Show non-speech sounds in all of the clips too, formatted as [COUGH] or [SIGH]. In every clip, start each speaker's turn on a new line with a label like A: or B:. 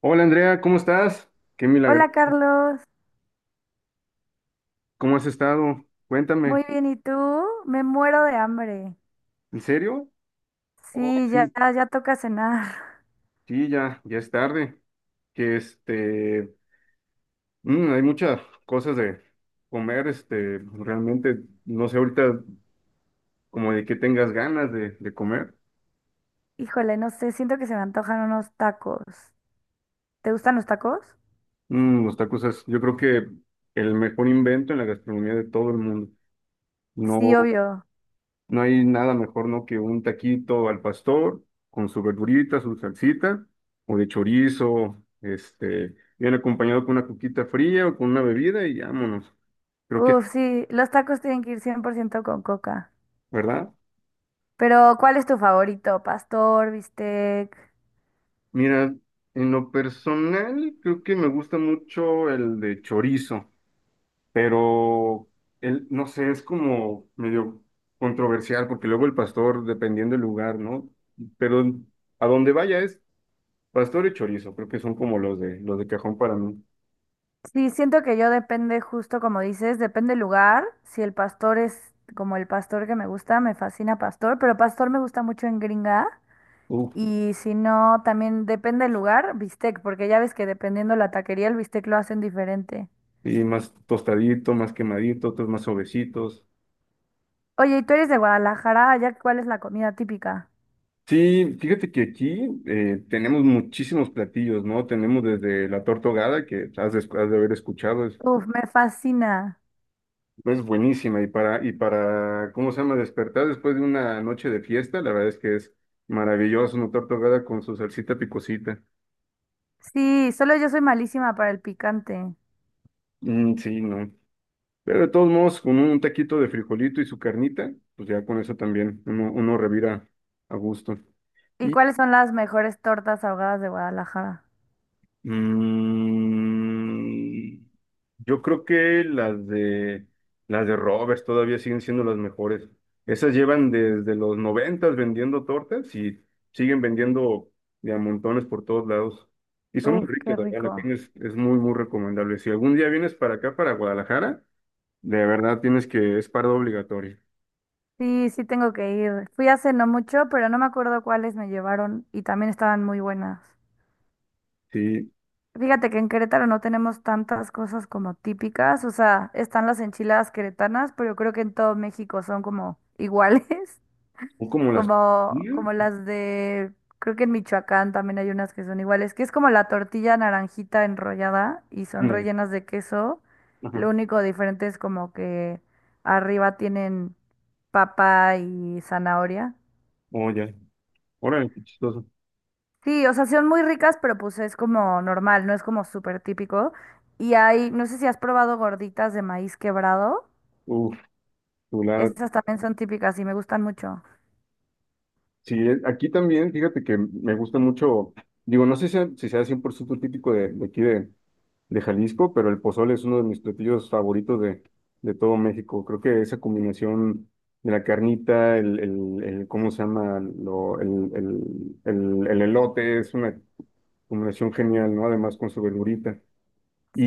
A: Hola Andrea, ¿cómo estás? Qué milagro.
B: Hola Carlos,
A: ¿Cómo has estado?
B: muy
A: Cuéntame.
B: bien, ¿y tú? Me muero de hambre.
A: ¿En serio?
B: Sí, ya,
A: Sí.
B: ya toca cenar.
A: Sí, ya, ya es tarde. Que este, Hay muchas cosas de comer, realmente, no sé ahorita como de qué tengas ganas de comer.
B: [LAUGHS] Híjole, no sé, siento que se me antojan unos tacos. ¿Te gustan los tacos?
A: Los tacos es, yo creo que el mejor invento en la gastronomía de todo el mundo.
B: Sí,
A: No,
B: obvio.
A: no hay nada mejor, ¿no? Que un taquito al pastor con su verdurita, su salsita, o de chorizo, este, bien acompañado con una coquita fría o con una bebida y vámonos. Creo que,
B: Uf, sí, los tacos tienen que ir 100% con coca.
A: ¿verdad?
B: Pero, ¿cuál es tu favorito? ¿Pastor, bistec?
A: Mira, en lo personal, creo que me gusta mucho el de chorizo, pero no sé, es como medio controversial, porque luego el pastor, dependiendo del lugar, ¿no? Pero a donde vaya es pastor y chorizo, creo que son como los de cajón para mí.
B: Sí, siento que yo depende, justo como dices, depende el lugar. Si el pastor es como el pastor que me gusta, me fascina pastor, pero pastor me gusta mucho en gringa.
A: Uf,
B: Y si no, también depende del lugar, bistec, porque ya ves que dependiendo la taquería, el bistec lo hacen diferente.
A: y más tostadito, más quemadito, otros más suavecitos.
B: Oye, ¿y tú eres de Guadalajara? ¿Allá cuál es la comida típica?
A: Sí, fíjate que aquí tenemos muchísimos platillos, ¿no? Tenemos desde la torta ahogada, que has de haber escuchado,
B: Uf, me fascina.
A: es buenísima. Y para, ¿cómo se llama? Despertar después de una noche de fiesta, la verdad es que es maravilloso una torta ahogada con su salsita picosita.
B: Sí, solo yo soy malísima para el picante.
A: Mm, sí, no. Pero de todos modos, con un taquito de frijolito y su carnita, pues ya con eso también uno revira a gusto.
B: ¿Y
A: Y
B: cuáles son las mejores tortas ahogadas de Guadalajara?
A: Mm, yo creo que las de Roberts todavía siguen siendo las mejores. Esas llevan desde los noventas vendiendo tortas y siguen vendiendo de a montones por todos lados. Y son muy
B: Uf, qué
A: ricas, la verdad, la
B: rico.
A: carne es muy, muy recomendable. Si algún día vienes para acá, para Guadalajara, de verdad tienes que, es parada obligatoria.
B: Sí, sí tengo que ir. Fui hace no mucho, pero no me acuerdo cuáles me llevaron y también estaban muy buenas.
A: Sí,
B: Fíjate que en Querétaro no tenemos tantas cosas como típicas, o sea, están las enchiladas queretanas, pero yo creo que en todo México son como iguales,
A: o como
B: [LAUGHS]
A: las...
B: como,
A: ¿sí?
B: como las de, creo que en Michoacán también hay unas que son iguales, que es como la tortilla naranjita enrollada y
A: Ah,
B: son
A: no.
B: rellenas de queso. Lo
A: Ajá.
B: único diferente es como que arriba tienen papa y zanahoria.
A: Oh, ya. Órale, qué chistoso.
B: Sí, o sea, son muy ricas, pero pues es como normal, no es como súper típico. Y hay, no sé si has probado gorditas de maíz quebrado.
A: Uf, chulada.
B: Estas también son típicas y me gustan mucho.
A: Sí, aquí también, fíjate que me gusta mucho, digo, no sé si sea 100% típico de aquí de Jalisco, pero el pozole es uno de mis platillos favoritos de todo México. Creo que esa combinación de la carnita, ¿cómo se llama? Lo, el elote, es una combinación genial, ¿no? Además con su verdurita.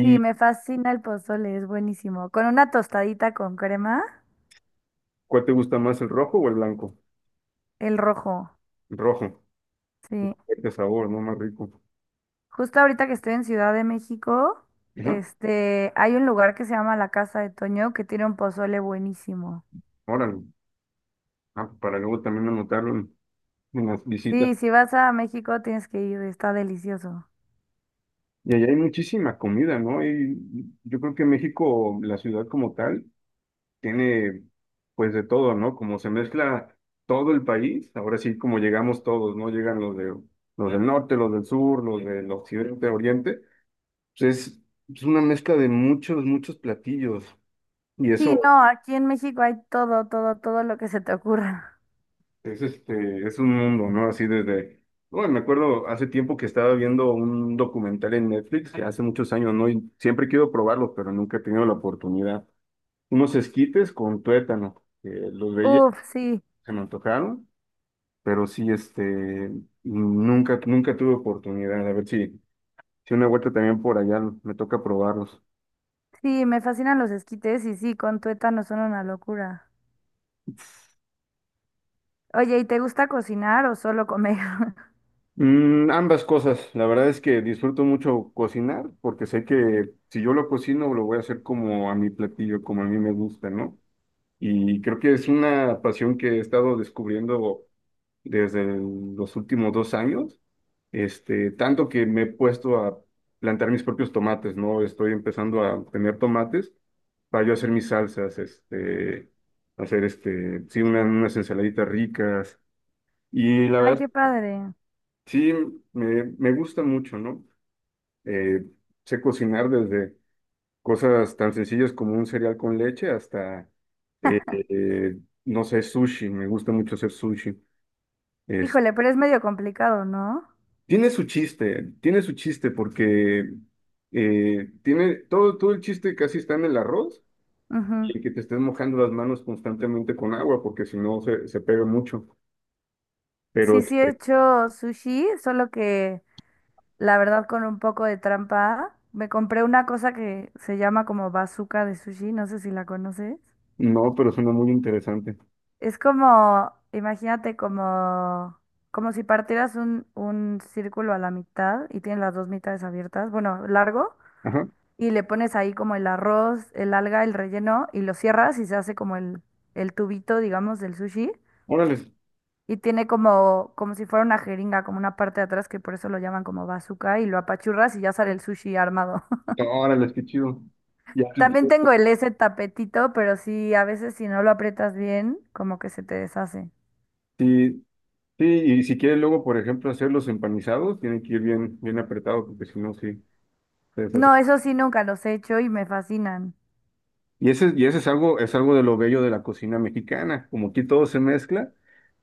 B: Sí, me fascina el pozole, es buenísimo. Con una tostadita con crema,
A: cuál te gusta más, el rojo o el blanco?
B: el rojo.
A: El rojo. Y
B: Sí.
A: este sabor, ¿no? Más rico.
B: Justo ahorita que estoy en Ciudad de México,
A: Ajá.
B: este, hay un lugar que se llama La Casa de Toño que tiene un pozole buenísimo.
A: Órale. Ah, para luego también anotarlo en las visitas.
B: Sí, si vas a México tienes que ir, está delicioso.
A: Y allá hay muchísima comida, ¿no? Y yo creo que México, la ciudad como tal, tiene pues de todo, ¿no? Como se mezcla todo el país, ahora sí como llegamos todos, ¿no? Llegan los del norte, los del sur, los del occidente, oriente. Pues es una mezcla de muchos, muchos platillos. Y
B: Sí,
A: eso
B: no, aquí en México hay todo, todo, todo lo que se te ocurra.
A: es este, es un mundo, ¿no? Así desde. Bueno, me acuerdo hace tiempo que estaba viendo un documental en Netflix, que hace muchos años, ¿no? Y siempre quiero probarlo, pero nunca he tenido la oportunidad. Unos esquites con tuétano, que los
B: [LAUGHS]
A: veía,
B: Uf, sí,
A: se me antojaron, pero sí, nunca tuve oportunidad. A ver si una vuelta también por allá me toca probarlos.
B: sí, me fascinan los esquites y sí, con tuétano son una locura. Oye, ¿y te gusta cocinar o solo comer? [LAUGHS]
A: Ambas cosas, la verdad es que disfruto mucho cocinar, porque sé que si yo lo cocino, lo voy a hacer como a mi platillo, como a mí me gusta, ¿no? Y creo que es una pasión que he estado descubriendo desde los últimos 2 años. Este, tanto que me he puesto a plantar mis propios tomates, ¿no? Estoy empezando a tener tomates para yo hacer mis salsas, este, hacer este, sí, una- unas ensaladitas ricas. Y la
B: Ay,
A: verdad,
B: qué padre.
A: sí, me gusta mucho, ¿no? Eh, Sé cocinar desde cosas tan sencillas como un cereal con leche hasta, eh, eh, no sé, sushi. Me gusta mucho hacer sushi.
B: Híjole, pero es medio complicado, ¿no?
A: Tiene su chiste porque tiene todo, todo el chiste casi está en el arroz
B: Ujú.
A: y que te estés mojando las manos constantemente con agua porque si no se, se pega mucho. Pero
B: Sí, sí he
A: este,
B: hecho sushi, solo que la verdad con un poco de trampa. Me compré una cosa que se llama como bazooka de sushi, no sé si la conoces.
A: no, pero suena muy interesante.
B: Es como, imagínate como, como si partieras un círculo a la mitad y tienes las dos mitades abiertas, bueno, largo,
A: Ajá,
B: y le pones ahí como el arroz, el alga, el relleno, y lo cierras y se hace como el tubito, digamos, del sushi.
A: órale,
B: Y tiene como, como si fuera una jeringa, como una parte de atrás, que por eso lo llaman como bazooka, y lo apachurras y ya sale el sushi armado. [LAUGHS]
A: órale, qué chido. Ya, [LAUGHS]
B: También tengo
A: estoy-
B: el ese tapetito, pero sí, a veces si no lo aprietas bien, como que se te deshace.
A: sí, sí, y si quieres luego, por ejemplo, hacer los empanizados, tiene que ir bien, bien apretado porque si no, sí, se deshace.
B: No, eso sí nunca los he hecho y me fascinan.
A: Y y ese es algo de lo bello de la cocina mexicana. Como aquí todo se mezcla,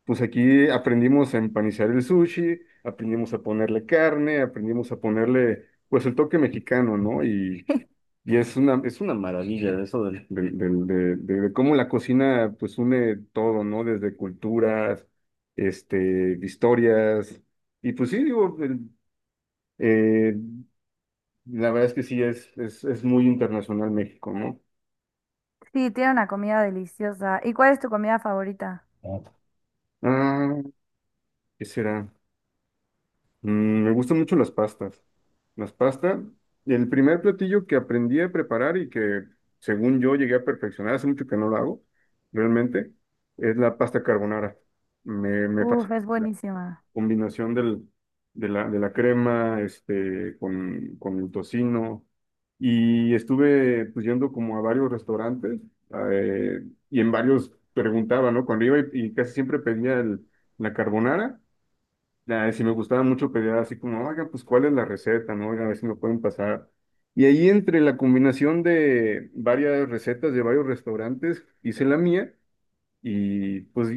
A: pues aquí aprendimos a empanizar el sushi, aprendimos a ponerle carne, aprendimos a ponerle, pues, el toque mexicano, ¿no?
B: [LAUGHS]
A: Y es una maravilla eso de cómo la cocina, pues, une todo, ¿no? Desde culturas, este, historias. Y pues sí, digo, eh, la verdad es que sí, es muy internacional México, ¿no?
B: Sí, tiene una comida deliciosa. ¿Y cuál es tu comida favorita?
A: ¿No? Ah. ¿Qué será? Mm, Me gustan mucho las pastas. Las pastas, el primer platillo que aprendí a preparar y que según yo llegué a perfeccionar, hace mucho que no lo hago, realmente, es la pasta carbonara. Me
B: Uf,
A: fascina
B: es
A: la
B: buenísima.
A: combinación de la crema este, con el tocino. Y estuve pues, yendo como a varios restaurantes eh, y en varios preguntaba, ¿no? Cuando iba y casi siempre pedía el- la carbonara. Ya, si me gustaba mucho pedir así como, oiga, pues cuál es la receta, ¿no? Oiga, a ver si me pueden pasar. Y ahí entre la combinación de varias recetas de varios restaurantes, hice la mía y pues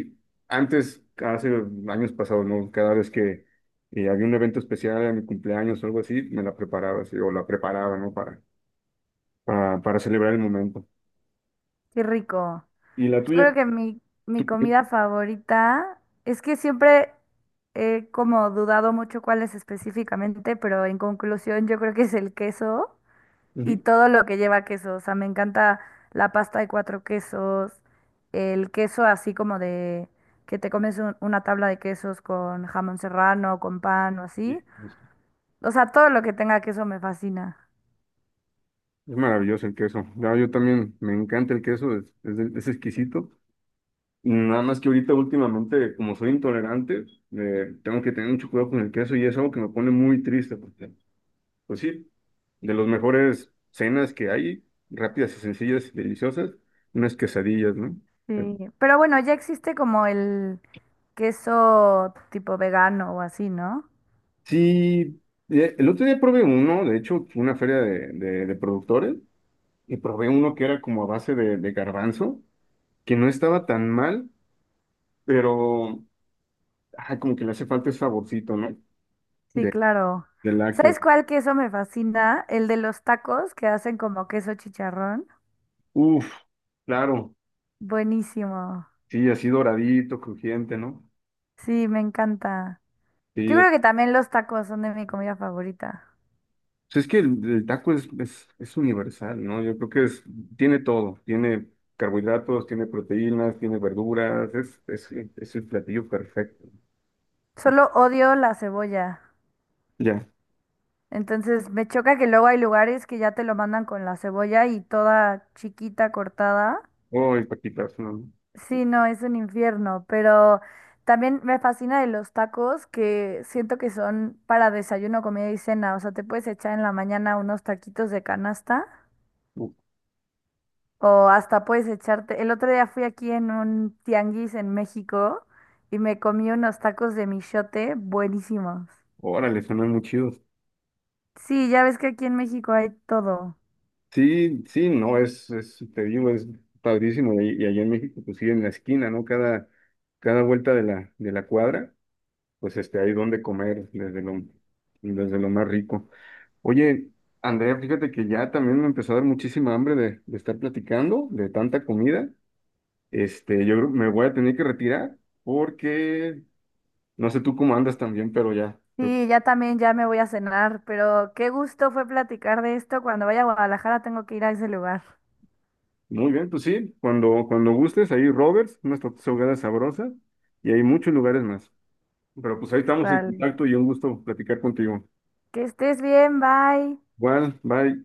A: antes, hace años pasados, ¿no? Cada vez que había un evento especial a mi cumpleaños o algo así, me la preparaba así, o la preparaba, ¿no? Para celebrar el momento.
B: Qué rico.
A: ¿Y la
B: Yo
A: tuya?
B: creo que mi
A: ¿Tú qué?
B: comida favorita es que siempre he como dudado mucho cuál es específicamente, pero en conclusión yo creo que es el queso. Y
A: Ujú.
B: todo lo que lleva queso, o sea, me encanta la pasta de cuatro quesos, el queso así como de que te comes una tabla de quesos con jamón serrano, con pan o
A: Sí,
B: así.
A: pues,
B: O sea, todo lo que tenga queso me fascina.
A: es maravilloso el queso. Ya, yo también me encanta el queso, es exquisito. Nada más que ahorita últimamente, como soy intolerante, tengo que tener mucho cuidado con el queso y es algo que me pone muy triste, porque, pues sí, de las mejores cenas que hay, rápidas y sencillas y deliciosas, unas quesadillas, ¿no? Eh,
B: Sí, pero bueno, ya existe como el queso tipo vegano o así, ¿no?
A: Sí, el otro día probé uno, de hecho, una feria de productores, y probé uno que era como a base de garbanzo, que no estaba tan mal, pero ay, como que le hace falta ese saborcito, ¿no?
B: Sí,
A: De,
B: claro.
A: de lácteo.
B: ¿Sabes cuál queso me fascina? El de los tacos que hacen como queso chicharrón.
A: Uf, claro.
B: Buenísimo.
A: Sí, así doradito, crujiente, ¿no?
B: Sí, me encanta. Yo
A: Sí,
B: creo que también los tacos son de mi comida favorita.
A: pues es que el taco es universal, ¿no? Yo creo que es, tiene todo, tiene carbohidratos, tiene proteínas, tiene verduras, es el platillo perfecto.
B: Solo odio la cebolla.
A: Ya.
B: Entonces me choca que luego hay lugares que ya te lo mandan con la cebolla y toda chiquita cortada.
A: Uy, paquitas no.
B: Sí, no, es un infierno, pero también me fascina de los tacos que siento que son para desayuno, comida y cena. O sea, te puedes echar en la mañana unos taquitos de canasta
A: Uh,
B: o hasta puedes echarte... El otro día fui aquí en un tianguis en México y me comí unos tacos de michote buenísimos.
A: órale, suenan muy chidos.
B: Sí, ya ves que aquí en México hay todo.
A: Sí, sí, no, es, te digo, es padrísimo. Y allá en México, pues sí, en la esquina, ¿no? Cada, cada vuelta de la cuadra pues este, hay donde comer desde lo más rico. Oye, Andrea, fíjate que ya también me empezó a dar muchísima hambre de estar platicando, de tanta comida. Este, yo creo que me voy a tener que retirar porque no sé tú cómo andas también, pero ya. Pero
B: Sí, ya también ya me voy a cenar, pero qué gusto fue platicar de esto. Cuando vaya a Guadalajara tengo que ir a ese lugar.
A: muy bien, pues sí, cuando gustes, ahí Roberts, unas tortas ahogadas sabrosas y hay muchos lugares más. Pero pues ahí estamos en
B: Sale.
A: contacto y un gusto platicar contigo.
B: Que estés bien, bye.
A: Bueno, bye.